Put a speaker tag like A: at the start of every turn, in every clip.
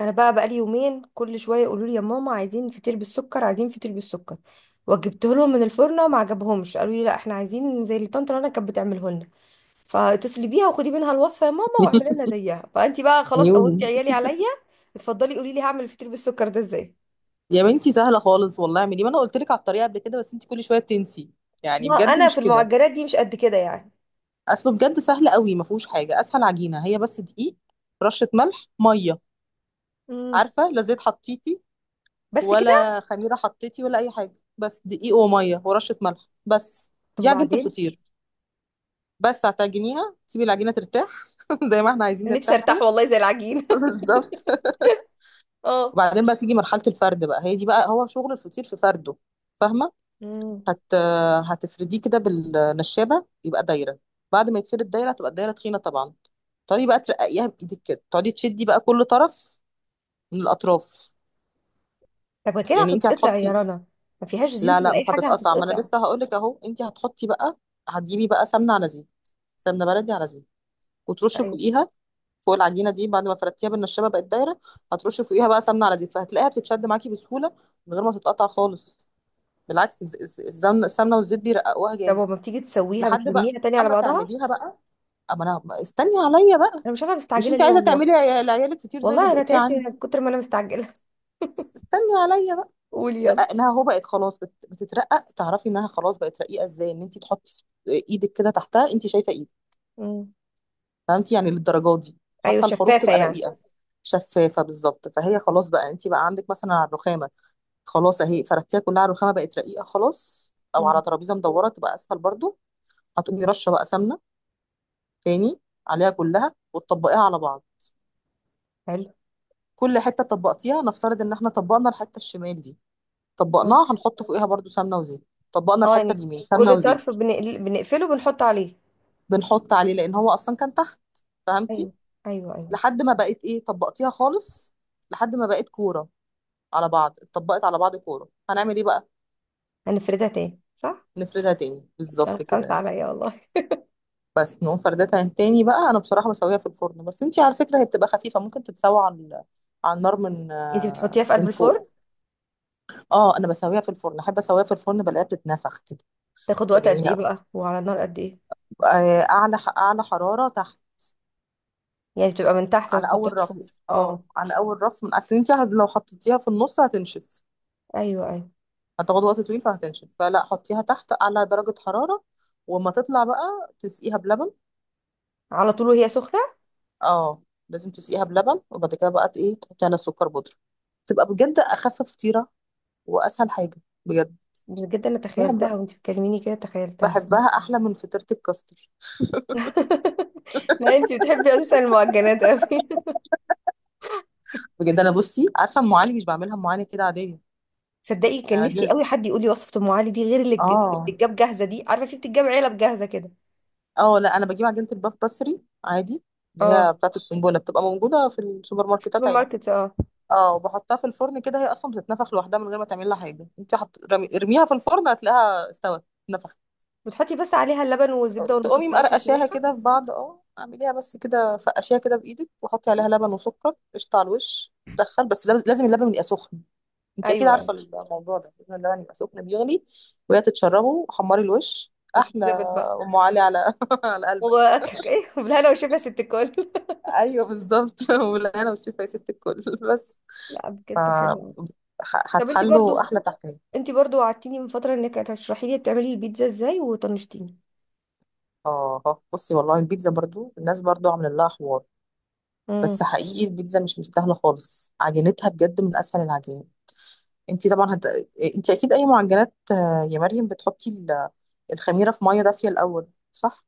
A: انا بقى بقالي يومين، كل شويه يقولوا لي: يا ماما، عايزين فطير بالسكر، عايزين فطير بالسكر. وجبته لهم من الفرن ما عجبهمش، قالوا لي: لا، احنا عايزين زي اللي طنط رنا كانت بتعمله لنا، فاتصلي بيها وخدي منها الوصفه يا ماما، واعملي لنا زيها. فانت بقى خلاص قومتي
B: عيوني.
A: عيالي عليا. اتفضلي قولي لي، هعمل الفطير بالسكر ده ازاي؟
B: يا بنتي سهله خالص والله، اعملي ما انا قلت لك على الطريقه قبل كده، بس انت كل شويه بتنسي يعني،
A: ما
B: بجد
A: انا في
B: مش كده.
A: المعجنات دي مش قد كده يعني.
B: اصله بجد سهل قوي، ما فيهوش حاجه اسهل. عجينه هي بس دقيق، رشه ملح، ميه.
A: امم.
B: عارفه؟ لا زيت حطيتي
A: بس كده.
B: ولا خميره حطيتي ولا اي حاجه، بس دقيق وميه ورشه ملح بس.
A: طب
B: دي عجينه
A: وبعدين؟
B: الفطير. بس هتعجنيها، تسيبي العجينه ترتاح، زي ما احنا عايزين
A: نفسي
B: نرتاح
A: ارتاح
B: كده.
A: والله زي العجين.
B: بالظبط.
A: اه.
B: وبعدين بقى تيجي مرحله الفرد، بقى هي دي بقى هو شغل الفطير، في فرده. فاهمه؟
A: امم.
B: هت هتفرديه كده بالنشابة، يبقى دايرة. بعد ما يتفرد دايرة، هتبقى الدايرة تخينة طبعا. تقعدي بقى ترققيها بإيدك كده، تقعدي تشدي بقى كل طرف من الأطراف.
A: طب ما كده
B: يعني انت
A: هتتقطع يا
B: هتحطي.
A: رنا؟ ما فيهاش
B: لا
A: زيوت ولا
B: لا،
A: اي
B: مش
A: حاجه،
B: هتتقطع، ما انا
A: هتتقطع.
B: لسه هقولك اهو. انت هتحطي بقى، هتجيبي بقى سمنة على زيت، سمنة بلدي على زيت، وترشي فوقيها، فوق العجينة دي، بعد ما فردتيها بالنشابة بقت دايرة. هترشي فوقيها بقى سمنة على زيت، فهتلاقيها بتتشد معاكي بسهولة من غير ما تتقطع خالص. بالعكس، السمنة والزيت بيرققوها
A: طب
B: جامد.
A: وما بتيجي تسويها
B: لحد بقى
A: بتلميها تاني على
B: اما
A: بعضها؟
B: تعمليها بقى، اما انا استني عليا بقى.
A: انا مش عارفه
B: مش
A: مستعجله
B: انت
A: ليه
B: عايزه
A: والله.
B: تعملي لعيالك كتير زي اللي
A: والله انا
B: دقتيه
A: تعبت
B: عندي؟
A: من كتر ما انا مستعجله.
B: استني عليا بقى.
A: قولي
B: لا،
A: يلا.
B: انها هو بقت خلاص بتترقق، تعرفي انها خلاص بقت رقيقه ازاي؟ ان انت تحطي ايدك كده تحتها، انت شايفه ايدك.
A: مم.
B: فهمتي؟ يعني للدرجات دي،
A: ايوه،
B: حتى الحروف
A: شفافه
B: تبقى
A: يعني.
B: رقيقه. شفافه بالظبط. فهي خلاص بقى، انت بقى عندك مثلا على الرخامه، خلاص اهي فردتيها كلها على الرخامه بقت رقيقه خلاص، او
A: مم.
B: على ترابيزه مدوره تبقى اسهل برضو. هتقومي رشه بقى سمنه تاني عليها كلها، وتطبقيها على بعض.
A: حلو.
B: كل حته طبقتيها، نفترض ان احنا طبقنا الحته الشمال دي، طبقناها هنحط فوقيها برضو سمنه وزيت. طبقنا
A: اه
B: الحته
A: يعني،
B: اليمين، سمنه
A: كل طرف
B: وزيت.
A: بنقل... بنقفله، بنحط عليه.
B: بنحط عليه لان هو اصلا كان تحت. فهمتي؟
A: ايوه. ايوه ايوه.
B: لحد ما بقت ايه، طبقتيها خالص، لحد ما بقت كوره. على بعض اتطبقت على بعض كوره، هنعمل ايه بقى؟
A: هنفردها تاني صح؟
B: نفردها تاني،
A: يلا
B: بالظبط كده.
A: خمسه عليا والله.
B: بس نقوم فردتها تاني بقى. انا بصراحه بسويها في الفرن، بس انتي على فكره هي بتبقى خفيفه، ممكن تتسوى على على النار، من
A: انت بتحطيها
B: آه،
A: في قلب
B: من فوق.
A: الفرن؟
B: اه، انا بسويها في الفرن، احب اسويها في الفرن، بلاقيها بتتنفخ كده،
A: تاخد وقت
B: بتبقى
A: قد ايه
B: جميله.
A: بقى؟ وعلى النار قد ايه؟
B: اعلى حرارة تحت.
A: يعني بتبقى من تحت، ما
B: على اول
A: بتحطهاش فوق،
B: رف. اه،
A: اه.
B: على اول رف، من اصل انت لو حطيتيها في النص هتنشف،
A: ايوه ايوه.
B: هتاخد وقت طويل فهتنشف. فلا، حطيها تحت اعلى درجة حرارة، وما تطلع بقى تسقيها بلبن.
A: على طول وهي سخنه؟
B: اه، لازم تسقيها بلبن، وبعد كده بقى ايه، تحطي على سكر بودرة. تبقى بجد اخف فطيرة، واسهل حاجة، بجد.
A: بجد، انا تخيلتها
B: بحب
A: وانت بتكلميني كده، تخيلتها.
B: بحبها احلى من فطيرة الكاستر.
A: لا، انتي بتحبي اساسا المعجنات قوي.
B: بجد انا، بصي، عارفة ام علي مش بعملها؟ ام علي كده عادية.
A: صدقي كان
B: أنا
A: نفسي
B: بجيب
A: قوي حد يقول لي وصفة ام علي دي، غير اللي
B: اه
A: بتتجاب جاهزة دي، عارفة في بتتجاب علب جاهزة كده.
B: اه لا، انا بجيب عجينه الباف بسري عادي، اللي
A: اه.
B: هي بتاعه السنبله، بتبقى موجوده في السوبر
A: في
B: ماركتات
A: السوبر
B: عادي.
A: ماركت، اه.
B: اه، وبحطها في الفرن كده، هي اصلا بتتنفخ لوحدها من غير ما تعمل لها حاجه. انت ارميها في الفرن، هتلاقيها استوت نفخت.
A: وتحطي بس عليها اللبن والزبدة
B: تقومي
A: والمكسرات والكلام
B: مقرقشاها
A: ده.
B: كده في بعض، اه، اعمليها بس كده، فقشيها كده بايدك، وحطي عليها لبن وسكر قشطه على الوش. تدخل بس لازم اللبن يبقى سخن. انت اكيد عارفه
A: ايوه.
B: الموضوع ده، لازم اللبن يبقى سخن بيغلي، وهي تتشربه، حمري الوش احلى.
A: وتتظبط بقى.
B: ام علي على على قلبك.
A: ايه، بالهنا والشفا يا ست الكل.
B: ايوه بالظبط. ولا انا مش شايفه يا ست الكل. بس
A: لا
B: ف
A: بجد، حلوة قوي. طب انتي
B: هتحلوا
A: برضو،
B: احلى تحكي.
A: انتي برضو وعدتيني من فترة انك هتشرحي لي بتعملي البيتزا ازاي، وطنشتيني.
B: بصي والله، البيتزا برضو الناس برضو عاملين لها حوار،
A: امم.
B: بس حقيقي البيتزا مش مستاهله خالص. عجينتها بجد من اسهل العجائن. انت طبعا. انت اكيد اي معجنات، يا مريم، بتحطي الخميره في ميه دافيه الاول، صح؟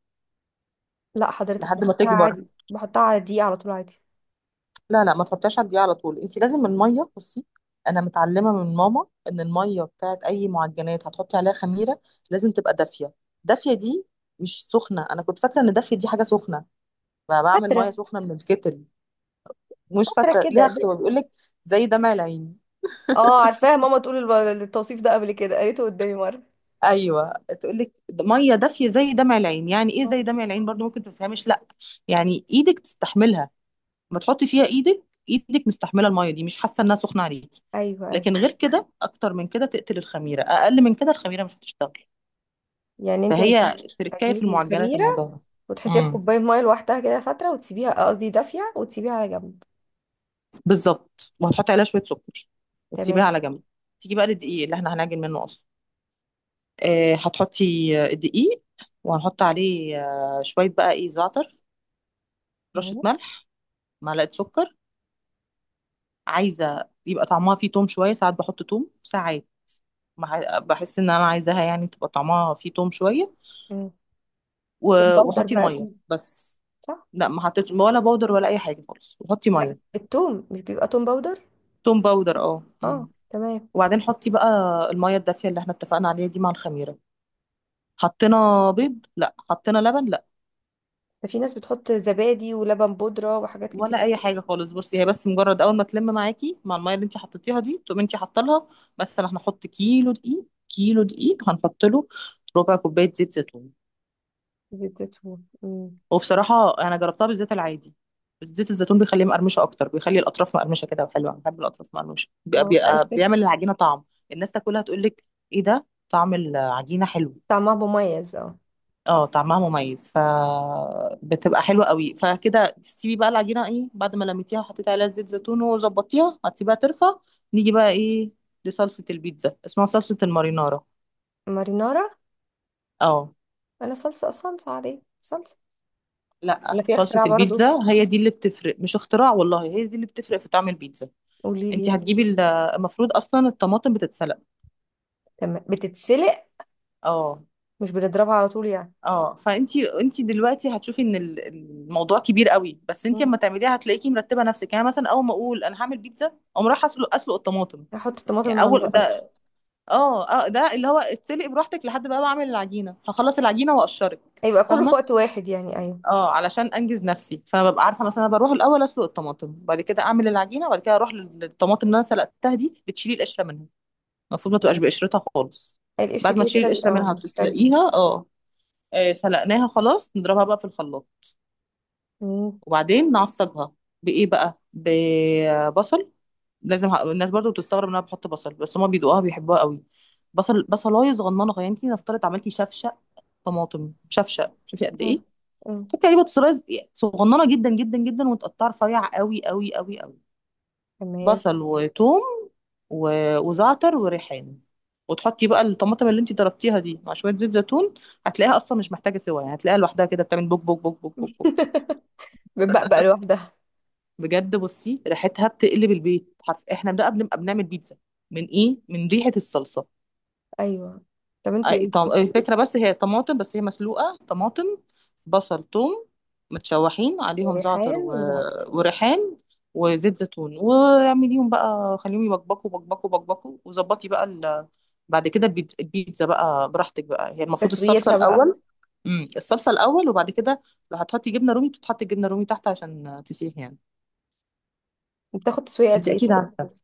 A: لا حضرتك،
B: لحد ما
A: بحطها
B: تكبر.
A: عادي، بحطها على الدقيقة على طول عادي.
B: لا لا، ما تحطيهاش على الدقيقة على طول، انت لازم المية، بصي، انا متعلمة من ماما ان المية بتاعت اي معجنات هتحطي عليها خميرة لازم تبقى دافية. دافية دي مش سخنة. انا كنت فاكرة ان دافية دي حاجة سخنة، بقى بعمل مية
A: فترة.
B: سخنة من الكتل. مش
A: فترة
B: فاكرة
A: كده.
B: ليها اختبار بيقول لك، زي دمع العين.
A: اه عارفاها، ماما تقول التوصيف ده قبل كده، قريته قدامي مرة.
B: ايوه، تقول لك ميه دافيه زي دمع العين، يعني ايه زي
A: آه.
B: دمع العين، برضو ممكن ما تفهمش، لا. يعني ايدك تستحملها، ما تحطي فيها ايدك، ايدك مستحمله الميه دي، مش حاسه انها سخنه عليكي.
A: ايوه ايوه.
B: لكن غير كده، اكتر من كده تقتل الخميره، اقل من كده الخميره مش هتشتغل.
A: يعني انت هتجيبي
B: فهي تركايه في
A: هتجيبي
B: المعجنات
A: الخميرة
B: الموضوع ده.
A: وتحطيها في
B: امم
A: كوباية مية لوحدها كده فترة، وتسيبيها قصدي دافية، وتسيبيها على جنب.
B: بالظبط، وهتحطي عليها شويه سكر، وتسيبيها
A: تمام.
B: على جنب. تيجي بقى للدقيق اللي احنا هنعجن منه اصلا. هتحطي الدقيق، وهنحط عليه شويه بقى ايه، زعتر، رشه
A: مم.
B: ملح، معلقه سكر. عايزه يبقى طعمها فيه توم شويه، ساعات بحط توم ساعات. بحس ان انا عايزاها يعني تبقى طعمها فيه توم شويه.
A: مم. توم
B: و-
A: باودر
B: وحطي
A: بقى
B: الميه
A: اكيد،
B: بس.
A: صح.
B: لا، ما حطيتش ولا بودر ولا اي حاجه خالص، وحطي
A: لا،
B: ميه.
A: التوم مش بيبقى توم باودر.
B: توم باودر، اه.
A: اه تمام.
B: وبعدين حطي بقى الميه الدافيه اللي احنا اتفقنا عليها دي، مع الخميره. حطينا بيض؟ لا. حطينا لبن؟ لا،
A: ده في ناس بتحط زبادي ولبن بودرة وحاجات كتير
B: ولا
A: قوي.
B: اي حاجه خالص. بصي، هي بس مجرد اول ما تلم معاكي مع الميه اللي انت حطيتيها دي، تقومي انت حاطه لها، بس احنا هنحط كيلو دقيق. كيلو دقيق هنحط له ربع كوبايه زيت زيتون.
A: بتبقى. مم.
B: وبصراحة أنا جربتها بالزيت العادي، بس زيت الزيتون بيخليه مقرمشة أكتر، بيخلي الأطراف مقرمشة كده وحلوة، أنا بحب الأطراف مقرمشة.
A: اه حلو.
B: بيعمل العجينة طعم، الناس تاكلها تقول لك إيه ده، طعم العجينة حلو.
A: طعمها مميز، اه.
B: اه، طعمها مميز، فبتبقى حلوة قوي. فكده تسيبي بقى العجينة إيه، بعد ما لميتيها وحطيتي عليها زيت زيتون وظبطيها، هتسيبها ترفع. نيجي بقى إيه، لصلصة البيتزا، اسمها صلصة المارينارا.
A: مارينارا.
B: اه.
A: انا صلصة، صلصة عليه صلصة.
B: لا،
A: ولا في
B: صلصة
A: اختراع برضو،
B: البيتزا هي دي اللي بتفرق، مش اختراع والله، هي دي اللي بتفرق في طعم البيتزا.
A: قولي
B: انت
A: لي.
B: هتجيبي المفروض اصلا الطماطم بتتسلق.
A: تمام، بتتسلق.
B: اه.
A: مش بنضربها على طول يعني.
B: اه، فانت دلوقتي هتشوفي ان الموضوع كبير قوي، بس انت
A: مم.
B: اما تعمليها هتلاقيكي مرتبه نفسك. يعني مثلا اول ما اقول انا هعمل بيتزا، اقوم رايحه اسلق، اسلق الطماطم.
A: احط الطماطم
B: يعني
A: على
B: اول
A: النار أوي.
B: ده. اه اه، ده اللي هو اتسلق براحتك لحد بقى بعمل العجينه، هخلص العجينه واقشرك،
A: هيبقى كله في
B: فاهمه؟
A: وقت واحد يعني، ايوه.
B: اه، علشان انجز نفسي، فببقى عارفه مثلا أنا بروح الاول اسلق الطماطم، بعد كده اعمل العجينه، وبعد كده اروح للطماطم اللي انا سلقتها دي بتشيلي القشره منها. المفروض ما تبقاش
A: تمام.
B: بقشرتها خالص.
A: القشر
B: بعد ما
A: كده
B: تشيل
A: كده
B: القشرة
A: بيبقى
B: منها
A: مش حلو.
B: وتسلقيها، اه، سلقناها خلاص، نضربها بقى في الخلاط،
A: مم.
B: وبعدين نعصجها بإيه بقى، ببصل. لازم الناس برضو بتستغرب ان انا بحط بصل، بس هما بيدوقوها بيحبوها قوي. بصل، بصلايه صغننه، يعني انت نفترض عملتي شفشق طماطم، شفشق شوفي قد
A: مم.
B: ايه،
A: مم.
B: تحطي عليه بصلايه صغننه جدا جدا جدا، وتقطعها رفيع قوي قوي قوي قوي.
A: تمام.
B: بصل وثوم و- وزعتر وريحان، وتحطي بقى الطماطم اللي انت ضربتيها دي مع شويه زيت زيتون، هتلاقيها اصلا مش محتاجه سوا. يعني هتلاقيها لوحدها كده بتعمل بوك بوك بوك بوك بوك بوك.
A: بتبقى بقى لوحدها.
B: بجد، بصي، ريحتها بتقلب البيت حرف، احنا بقى بنبقى بنعمل بيتزا، من ايه، من ريحه الصلصه.
A: ايوه، طب انت.
B: الفكرة بس هي طماطم، بس هي مسلوقة، طماطم بصل ثوم متشوحين، عليهم زعتر
A: ريحان
B: و...
A: وزعتر.
B: وريحان وزيت زيتون، واعمليهم بقى، خليهم يبقبقوا بقبقوا بقبقوا، وظبطي بقى. بعد كده البيتزا بقى براحتك بقى، هي المفروض الصلصة
A: تسويتها بقى.
B: الأول. الصلصة الأول، وبعد كده لو هتحطي جبنة رومي، بتتحط جبنة رومي تحت عشان تسيح يعني.
A: بتاخد تسويه قد
B: انت
A: ايه
B: أكيد
A: طب؟
B: عارفة.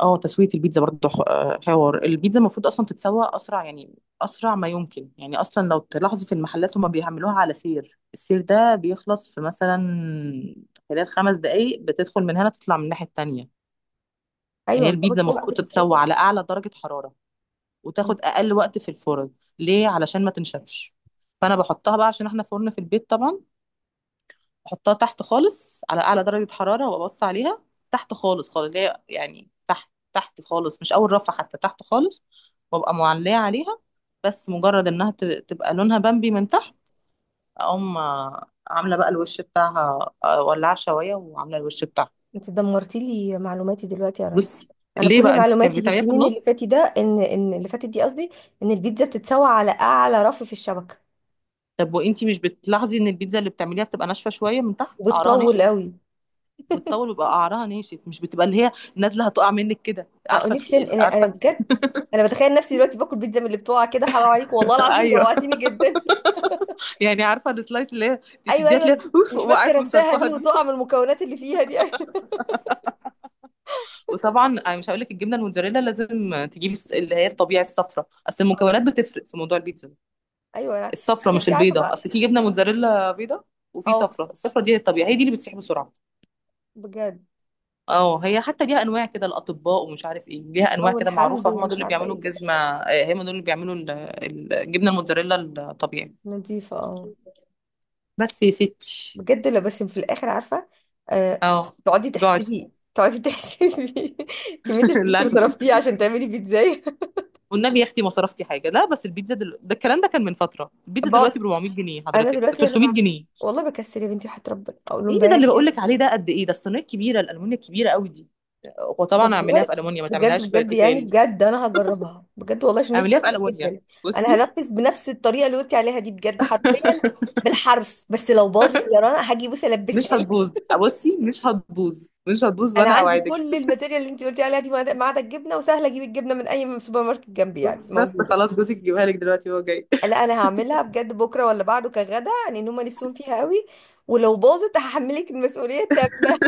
B: اه، تسوية البيتزا برضه حوار. البيتزا المفروض اصلا تتسوى اسرع يعني، اسرع ما يمكن. يعني اصلا لو تلاحظوا في المحلات هما بيعملوها على سير، السير ده بيخلص في مثلا خلال 5 دقايق، بتدخل من هنا تطلع من الناحية التانية. هي
A: ايوه، بتاخد
B: البيتزا
A: وقت.
B: المفروض تتسوى على اعلى درجة حرارة،
A: مم.
B: وتاخد اقل وقت في الفرن. ليه؟ علشان ما تنشفش. فانا بحطها بقى، عشان احنا فرن في البيت طبعا، احطها تحت خالص على اعلى درجة حرارة، وابص عليها. تحت خالص خالص، اللي هي يعني تحت تحت خالص، مش اول رفعة حتى، تحت خالص. وابقى معلية عليها، بس مجرد انها تبقى لونها بامبي من تحت، اقوم عاملة بقى الوش بتاعها، ولعة شواية وعاملة الوش بتاعها.
A: انت دمرتي لي معلوماتي دلوقتي يا رنا.
B: بصي،
A: انا
B: ليه
A: كل
B: بقى انت
A: معلوماتي في
B: بتعمليها في
A: السنين اللي
B: النص؟
A: فاتت ده، ان، اللي فاتت دي قصدي، ان البيتزا بتتسوى على اعلى رف في الشبكه.
B: طب وانت مش بتلاحظي ان البيتزا اللي بتعمليها بتبقى ناشفة شوية من تحت، قعرها
A: وبتطول
B: ناشف،
A: قوي.
B: بتطول ويبقى قعرها ناشف، مش بتبقى اللي هي نازلة هتقع منك كده،
A: اه،
B: عارفة
A: نفسي انا
B: عارفة.
A: بجد، انا بتخيل نفسي دلوقتي باكل بيتزا من اللي بتقع كده. حرام عليك والله العظيم،
B: ايوه.
A: جوعتيني جدا.
B: يعني عارفه السلايس اللي هي
A: ايوه
B: تشديها
A: ايوه، اللي
B: تلاقيها اوف،
A: مش ماسكه
B: وقعت من
A: نفسها
B: طرفها
A: دي،
B: دي.
A: وتقع من المكونات اللي فيها دي. ايوه
B: وطبعا انا مش هقول لك الجبنه الموتزاريلا لازم تجيبي اللي هي الطبيعي، الصفرا، اصل المكونات بتفرق في موضوع البيتزا ده.
A: ايوه.
B: الصفرا
A: بس
B: مش
A: انت عارفه
B: البيضه،
A: بقى.
B: اصل في جبنه موتزاريلا بيضه وفي
A: اه
B: صفرا، الصفرا دي هي الطبيعي، هي دي اللي بتسيح بسرعه.
A: بجد.
B: اه، هي حتى ليها انواع كده الاطباء ومش عارف ايه، ليها انواع
A: اه،
B: كده
A: الحمد
B: معروفه، هم دول
A: ومش
B: اللي
A: عارفه
B: بيعملوا
A: ايه كده.
B: الجزمه، هم دول اللي بيعملوا الجبنه الموتزاريلا الطبيعي.
A: نظيفه اه.
B: بس يا ستي،
A: بجد، لا بس في الاخر عارفه. آه.
B: اه
A: تقعدي
B: جوعت.
A: تحسبي، تقعدي تحسبي. كميه الفلوس
B: لا
A: اللي صرفتيها عشان تعملي بيتزاية.
B: والنبي يا اختي ما صرفتي حاجه، لا بس البيتزا ده الكلام ده كان من فتره، البيتزا دلوقتي ب
A: بقعد.
B: 400 جنيه
A: انا
B: حضرتك، ب
A: دلوقتي انا
B: 300
A: بقى،
B: جنيه
A: والله بكسل يا بنتي وحياة ربنا اقول لهم،
B: ايه ده اللي بقول
A: بس.
B: لك عليه ده، قد ايه ده الصينيه الكبيره، الالومنيا الكبيره قوي دي.
A: طب
B: وطبعا اعمليها في
A: والله.
B: الومنيا، ما
A: بجد
B: تعمليهاش في
A: بجد يعني،
B: تيفال.
A: بجد انا هجربها بجد والله عشان نفسي
B: اعمليها في
A: فيها
B: الومنيا.
A: جدا. انا
B: بصي،
A: هنفذ بنفس الطريقه اللي قلتي عليها دي بجد، حرفيا، بالحرف. بس لو باظت يا رنا، هاجي بص
B: مش
A: البسها لك.
B: هتبوظ، بصي مش هتبوظ، مش هتبوظ،
A: انا
B: وانا
A: عندي
B: اوعدك.
A: كل الماتيريال اللي انت قلتي عليها دي، ما عدا الجبنه، وسهله اجيب الجبنه من اي سوبر ماركت جنبي يعني،
B: بس
A: موجوده.
B: خلاص جوزك يجيبها لك دلوقتي وهو جاي.
A: لا، انا هعملها بجد بكره ولا بعده كغدا يعني، ان هم نفسهم فيها قوي. ولو باظت هحملك المسؤوليه التامه.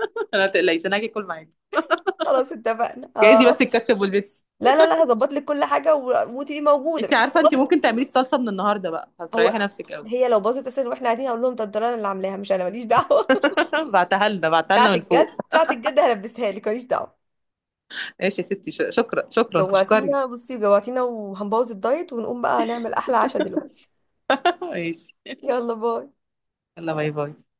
B: انا تقلقيش، انا هاجي اكل معاكي.
A: خلاص اتفقنا،
B: جايزي
A: اه.
B: بس الكاتشب والبيبسي.
A: لا لا لا، هظبط لك كل حاجه وتبقي موجوده
B: انت
A: بحيث.
B: عارفه، انت ممكن تعملي الصلصه من النهارده بقى، هتريحي
A: هو
B: نفسك قوي.
A: هي لو باظت اساسا واحنا قاعدين، هقول لهم ده الدرارة أنا اللي عاملاها، مش انا، ماليش دعوه.
B: بعتها لنا، بعتها لنا
A: ساعه
B: من فوق.
A: الجد، ساعه الجد هلبسها لك، ماليش دعوه.
B: ماشي يا ستي، شكرا شكرا تشكري.
A: جوعتينا بصي، جوعتينا، وهنبوظ الدايت، ونقوم بقى نعمل احلى عشاء دلوقتي.
B: ماشي،
A: يلا باي.
B: يلا باي باي.